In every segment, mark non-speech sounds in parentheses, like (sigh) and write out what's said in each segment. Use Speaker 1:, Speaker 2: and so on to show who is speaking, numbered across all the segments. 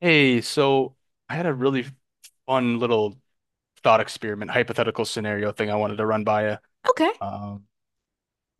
Speaker 1: Hey, so I had a really fun little thought experiment, hypothetical scenario thing I wanted to run by you.
Speaker 2: Okay.
Speaker 1: Um,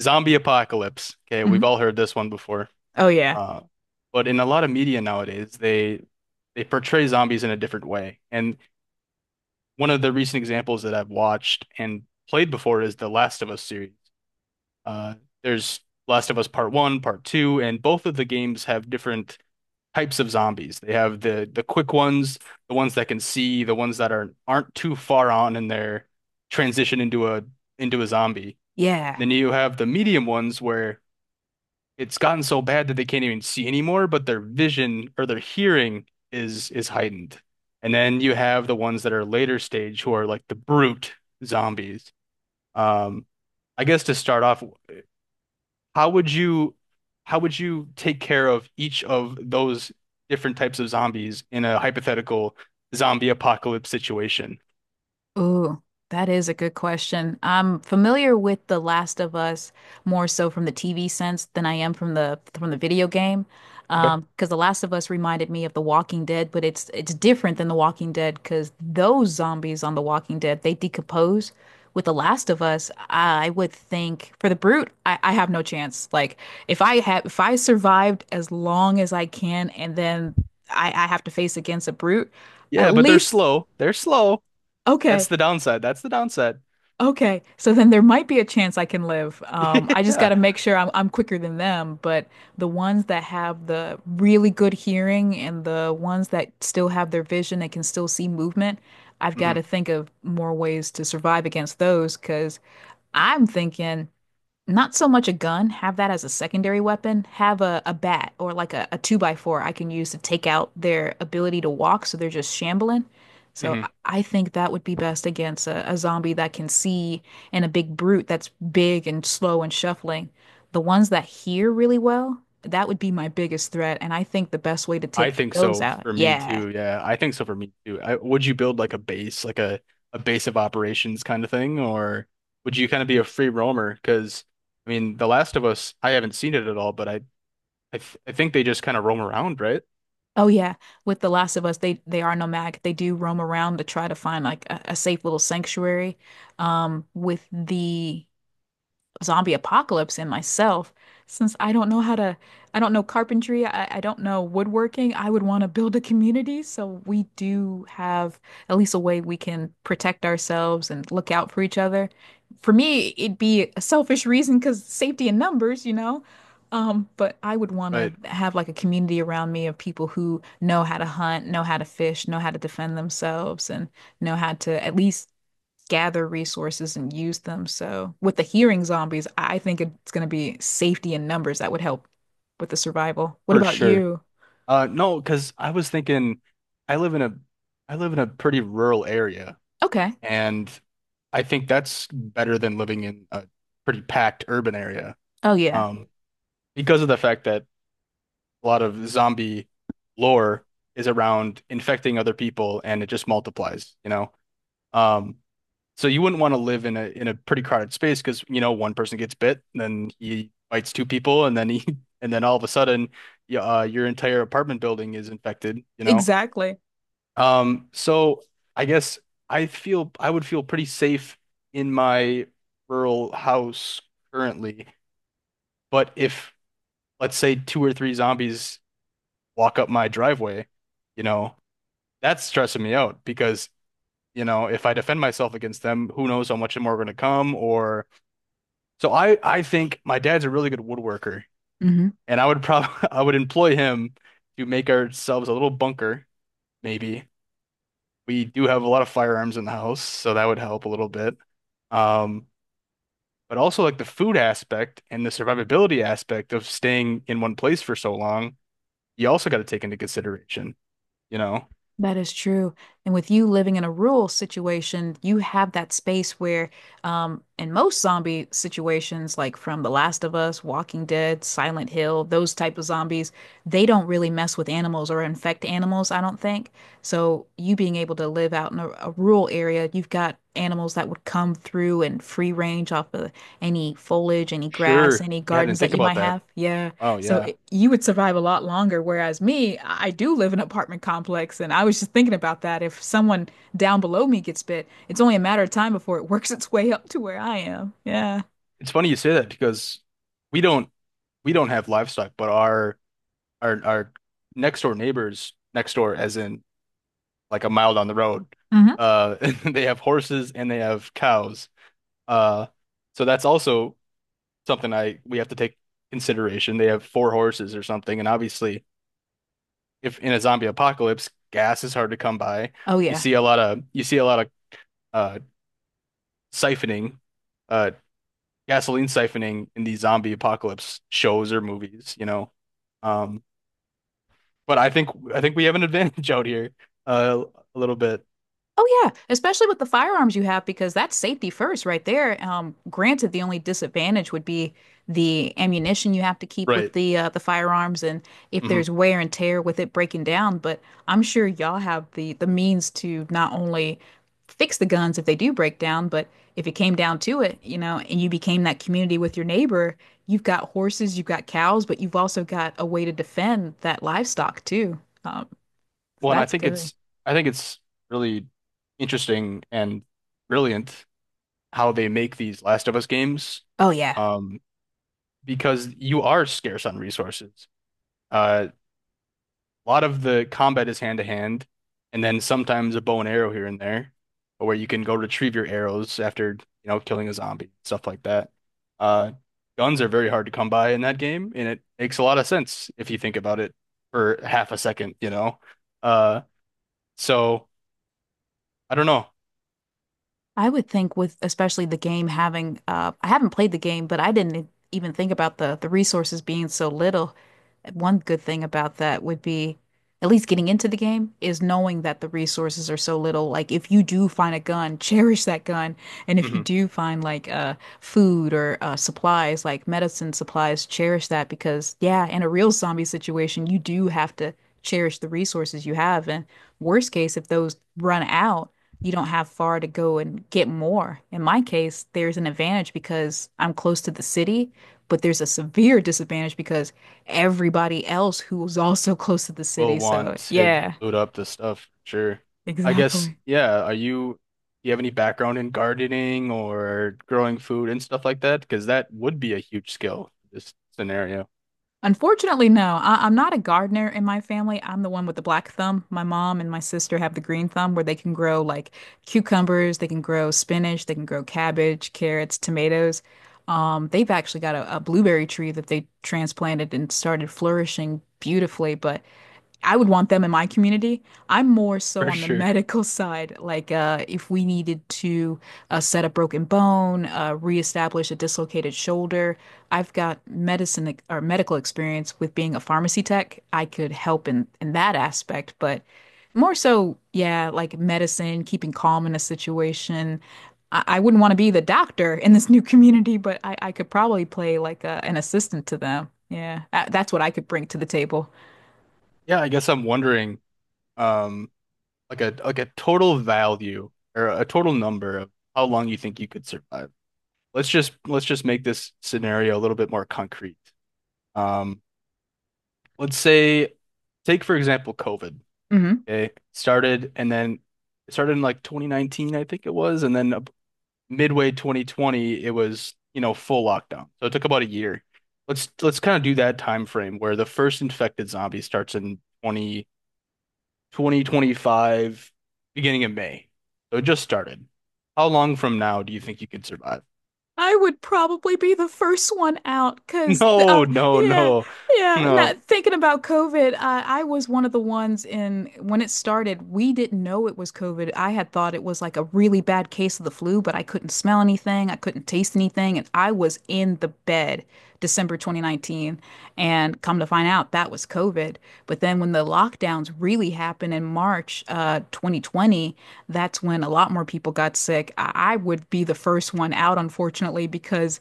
Speaker 1: zombie apocalypse. Okay,
Speaker 2: Hmm.
Speaker 1: we've all heard this one before.
Speaker 2: Oh yeah.
Speaker 1: Uh, but in a lot of media nowadays, they portray zombies in a different way. And one of the recent examples that I've watched and played before is the Last of Us series. Uh, there's Last of Us Part One, Part Two, and both of the games have different types of zombies. They have the quick ones, the ones that can see, the ones that are aren't too far on in their transition into a zombie.
Speaker 2: Yeah.
Speaker 1: Then you have the medium ones where it's gotten so bad that they can't even see anymore, but their vision or their hearing is heightened. And then you have the ones that are later stage who are like the brute zombies. Um, I guess to start off, how would you how would you take care of each of those different types of zombies in a hypothetical zombie apocalypse situation?
Speaker 2: Ooh, that is a good question. I'm familiar with The Last of Us more so from the TV sense than I am from the video game.
Speaker 1: Okay.
Speaker 2: Because The Last of Us reminded me of The Walking Dead, but it's different than The Walking Dead because those zombies on The Walking Dead, they decompose. With The Last of Us, I would think for the brute, I have no chance. Like if I have if I survived as long as I can and then I have to face against a brute, at
Speaker 1: Yeah, but they're
Speaker 2: least
Speaker 1: slow. They're slow. That's
Speaker 2: okay.
Speaker 1: the downside. That's the downside.
Speaker 2: Okay, so then there might be a chance I can live. I
Speaker 1: (laughs)
Speaker 2: just got
Speaker 1: Yeah.
Speaker 2: to make sure I'm quicker than them, but the ones that have the really good hearing and the ones that still have their vision and can still see movement, I've got
Speaker 1: Hmm.
Speaker 2: to think of more ways to survive against those because I'm thinking not so much a gun, have that as a secondary weapon. Have a bat or like a two by four I can use to take out their ability to walk so they're just shambling. So
Speaker 1: Hmm.
Speaker 2: I think that would be best against a zombie that can see and a big brute that's big and slow and shuffling. The ones that hear really well, that would be my biggest threat. And I think the best way to
Speaker 1: I
Speaker 2: take
Speaker 1: think
Speaker 2: those
Speaker 1: so
Speaker 2: out,
Speaker 1: for me
Speaker 2: yeah.
Speaker 1: too. Yeah, I think so for me too. Would you build like a base, like a base of operations kind of thing, or would you kind of be a free roamer? Because I mean, The Last of Us, I haven't seen it at all, but I think they just kind of roam around, right?
Speaker 2: Oh yeah, with The Last of Us, they are nomadic. They do roam around to try to find like a safe little sanctuary. With the zombie apocalypse in myself. Since I don't know I don't know carpentry, I don't know woodworking, I would want to build a community. So we do have at least a way we can protect ourselves and look out for each other. For me, it'd be a selfish reason because safety in numbers, you know? But I would want to
Speaker 1: Right.
Speaker 2: have like a community around me of people who know how to hunt, know how to fish, know how to defend themselves, and know how to at least gather resources and use them. So with the hearing zombies, I think it's going to be safety in numbers that would help with the survival. What
Speaker 1: For
Speaker 2: about
Speaker 1: sure.
Speaker 2: you?
Speaker 1: No, because I was thinking, I live in a, I live in a pretty rural area,
Speaker 2: Okay.
Speaker 1: and I think that's better than living in a pretty packed urban area.
Speaker 2: Oh yeah.
Speaker 1: Um, because of the fact that a lot of zombie lore is around infecting other people, and it just multiplies. Um, So you wouldn't want to live in a pretty crowded space because you know one person gets bit, and then he bites two people, and then he (laughs) and then all of a sudden, your entire apartment building is infected. You know,
Speaker 2: Exactly.
Speaker 1: um, so I guess I would feel pretty safe in my rural house currently, but if let's say two or three zombies walk up my driveway, you know, that's stressing me out because if I defend myself against them, who knows how much more are going to come, or so I think my dad's a really good woodworker, and I would probably (laughs) I would employ him to make ourselves a little bunker, maybe. We do have a lot of firearms in the house, so that would help a little bit. Um, but also like the food aspect and the survivability aspect of staying in one place for so long, you also got to take into consideration, you know?
Speaker 2: That is true. And with you living in a rural situation, you have that space where, in most zombie situations, like from The Last of Us, Walking Dead, Silent Hill, those type of zombies, they don't really mess with animals or infect animals, I don't think. So you being able to live out in a rural area, you've got animals that would come through and free range off of any foliage, any grass,
Speaker 1: Sure.
Speaker 2: any
Speaker 1: Yeah, I
Speaker 2: gardens
Speaker 1: didn't
Speaker 2: that
Speaker 1: think
Speaker 2: you might
Speaker 1: about that.
Speaker 2: have. Yeah.
Speaker 1: Oh
Speaker 2: So
Speaker 1: yeah.
Speaker 2: it, you would survive a lot longer, whereas me, I do live in an apartment complex, and I was just thinking about that. If someone down below me gets bit, it's only a matter of time before it (laughs) works its way up to where I am. Yeah.
Speaker 1: It's funny you say that because we don't we don't have livestock, but our next door neighbors next door, as in like a mile down the road.
Speaker 2: Hmm.
Speaker 1: Uh, (laughs) they have horses and they have cows. Uh, so that's also something I we have to take consideration. They have four horses or something, and obviously, if in a zombie apocalypse, gas is hard to come by.
Speaker 2: Oh
Speaker 1: You
Speaker 2: yeah.
Speaker 1: see a lot of you see a lot of uh siphoning, uh gasoline siphoning in these zombie apocalypse shows or movies. Um, but I think we have an advantage (laughs) out here, uh, a little bit.
Speaker 2: Oh yeah, especially with the firearms you have because that's safety first right there. Granted, the only disadvantage would be the ammunition you have to keep with
Speaker 1: Right.
Speaker 2: the firearms and if
Speaker 1: Hmm.
Speaker 2: there's wear and tear with it breaking down, but I'm sure y'all have the means to not only fix the guns if they do break down, but if it came down to it, you know, and you became that community with your neighbor, you've got horses, you've got cows, but you've also got a way to defend that livestock too. Um, so
Speaker 1: Well, and I
Speaker 2: that's
Speaker 1: think
Speaker 2: good.
Speaker 1: it's I think it's really interesting and brilliant how they make these Last of Us games,
Speaker 2: Oh yeah.
Speaker 1: um, because you are scarce on resources. Uh, a lot of the combat is hand to hand, and then sometimes a bow and arrow here and there, but where you can go retrieve your arrows after, killing a zombie, stuff like that. Uh, guns are very hard to come by in that game, and it makes a lot of sense if you think about it for half a second. Uh, so. I don't know.
Speaker 2: I would think with especially the game having I haven't played the game, but I didn't even think about the resources being so little. One good thing about that would be at least getting into the game is knowing that the resources are so little. Like if you do find a gun, (laughs) cherish that gun. And if you
Speaker 1: Hmm.
Speaker 2: do find like food or supplies, like medicine supplies, cherish that because yeah, in a real zombie situation, you do have to cherish the resources you have. And worst case, if those run out, you don't have far to go and get more. In my case, there's an advantage because I'm close to the city, but there's a severe (laughs) disadvantage because everybody else who was also close to the
Speaker 1: We'll
Speaker 2: city. So,
Speaker 1: want to
Speaker 2: yeah,
Speaker 1: load up the stuff for sure.
Speaker 2: (laughs)
Speaker 1: I guess,
Speaker 2: exactly.
Speaker 1: yeah. Do you have any background in gardening or growing food and stuff like that? Because that would be a huge skill for this scenario
Speaker 2: Unfortunately, no. I'm not a gardener in my family. I'm the one with the black thumb. My mom and my sister have the green thumb where they can grow like cucumbers, they can grow spinach, they can grow cabbage, carrots, tomatoes. They've actually got a blueberry tree that they transplanted and started flourishing beautifully, but I would want them in my community. I'm more so
Speaker 1: for
Speaker 2: on the (laughs)
Speaker 1: sure.
Speaker 2: medical side, like if we needed to set a broken bone, reestablish a dislocated shoulder. I've got medicine or medical experience with being a pharmacy tech. I could help in that aspect, but more so, yeah, like medicine, keeping calm in a situation. I wouldn't want to be the doctor in this new (laughs) community, but I could probably play like an assistant to them. Yeah, that's what I could bring to the table.
Speaker 1: Yeah, I guess I'm wondering, um, like a total value or a total number of how long you think you could survive. Let's just make this scenario a little bit more concrete. Um, let's say, take for example, COVID.
Speaker 2: Mm-hmm.
Speaker 1: Okay. Started and then it started in like 2019, I think it was, and then midway 2020, it was, full lockdown. So it took about a year. Let's kind of do that time frame where the first infected zombie starts in twenty five, beginning of May. So it just started. How long from now do you think you could survive?
Speaker 2: I would probably be the first one out
Speaker 1: (laughs)
Speaker 2: because,
Speaker 1: No, no,
Speaker 2: yeah,
Speaker 1: no,
Speaker 2: yeah.
Speaker 1: no.
Speaker 2: Not thinking about COVID, I was one of the ones in when it started. We didn't know it was COVID. I had thought it was like a really bad case of the flu, but I couldn't smell anything, I couldn't taste anything, and I was in the bed December 2019. And come to find out, that was COVID. But then when the lockdowns really happened in March 2020, that's when a lot more people got sick. I would be the first one out, unfortunately, because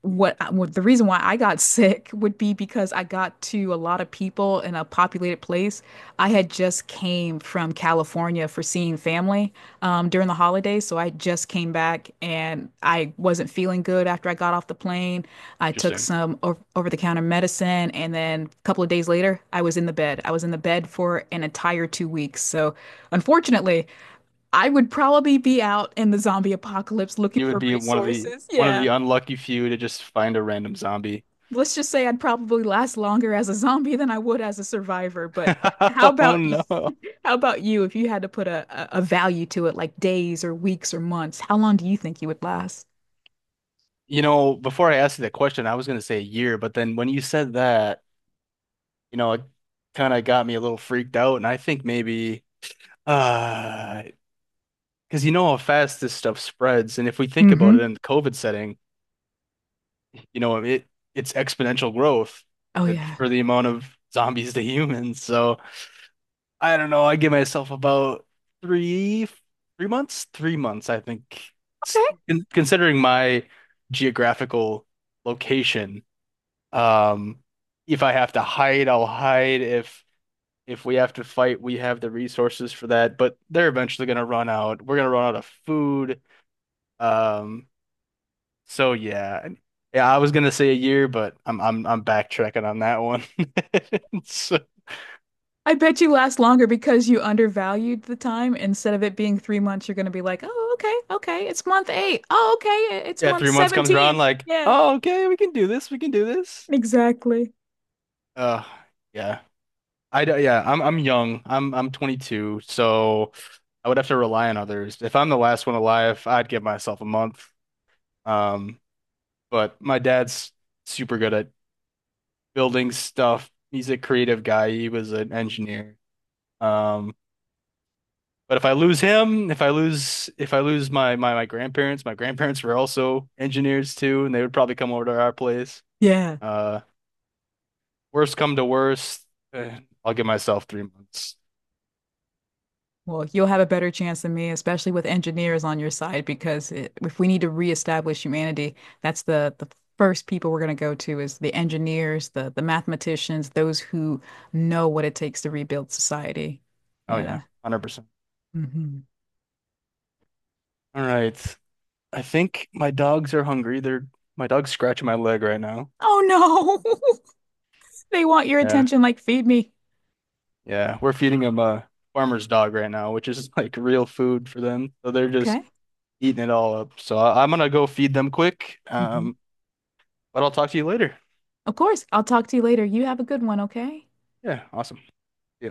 Speaker 2: what the reason why I got (laughs) sick would be because I got to a lot of people in a populated place. I had just came from California for seeing family during the holidays, so I just came back and I wasn't feeling good after I got off the plane. I took
Speaker 1: Interesting.
Speaker 2: some over-the-counter medicine, and then a couple of days later, I was in the bed. I was in the bed for an entire two weeks. So, unfortunately, I would probably be out in the zombie apocalypse looking
Speaker 1: You would
Speaker 2: for
Speaker 1: be one of the
Speaker 2: resources. (laughs)
Speaker 1: one of
Speaker 2: Yeah,
Speaker 1: the unlucky few to just find a random zombie.
Speaker 2: let's just say I'd probably last longer as a zombie than I would as a survivor. But how
Speaker 1: (laughs) Oh
Speaker 2: about y- (laughs)
Speaker 1: no.
Speaker 2: how about you if you had to put a, a value to it, like days or weeks or months? How long do you think you would last?
Speaker 1: You know, before I asked you that question, I was going to say a year, but then when you said that, it kind of got me a little freaked out. And I think maybe, uh, because you know how fast this stuff spreads. And if we think about it
Speaker 2: Mm-hmm.
Speaker 1: in the COVID setting, you know, it it's exponential growth
Speaker 2: Oh yeah.
Speaker 1: for the amount of zombies (laughs) to humans. So I don't know. I give myself about three, three months, I think, S-
Speaker 2: Okay.
Speaker 1: considering my geographical location. Um, if I have to hide, I'll hide. If we have to fight, we have the resources for that. But they're eventually gonna run out. We're gonna run out of food. Um, so yeah, yeah. I was gonna say a year, but I'm backtracking on that one. (laughs) So,
Speaker 2: I bet you last longer because you undervalued the time. Instead of it being three months, you're going to be like, oh, okay, okay, it's month eight. Oh, okay, it's
Speaker 1: yeah,
Speaker 2: month
Speaker 1: 3 months comes around,
Speaker 2: 17.
Speaker 1: like,
Speaker 2: Yeah,
Speaker 1: oh, okay, we can do this. We can do this.
Speaker 2: exactly.
Speaker 1: Uh, yeah. Yeah. I'm young. I'm 22, so I would have to rely on others. If I'm the last one alive, I'd give myself a month. Um, But my dad's super good at building stuff. He's a creative guy. He was an engineer. Um, but if I lose him, if I lose my grandparents, my grandparents were also engineers too, and they would probably come over to our place.
Speaker 2: Yeah.
Speaker 1: Uh, worst come to worst, eh, I'll give myself 3 months.
Speaker 2: Well, you'll have a better chance than me, especially with engineers on your side, because it, if we need to reestablish humanity, that's the first people we're going to go to is the engineers, the mathematicians, those who know what it takes to rebuild society.
Speaker 1: Oh yeah,
Speaker 2: Yeah.
Speaker 1: 100%.
Speaker 2: Hmm.
Speaker 1: All right. I think my dogs are hungry. They're my dog's scratching my leg right now.
Speaker 2: Oh no, (laughs) they want your
Speaker 1: Yeah.
Speaker 2: attention, like feed me.
Speaker 1: Yeah, we're feeding them a farmer's dog right now, which is (laughs) like real food for them. So they're just
Speaker 2: Okay.
Speaker 1: eating it all up. So I'm gonna go feed them quick.
Speaker 2: Hmm.
Speaker 1: But I'll talk to you later.
Speaker 2: Of course, I'll talk to you later. You have a good one, okay?
Speaker 1: Yeah, awesome. See ya.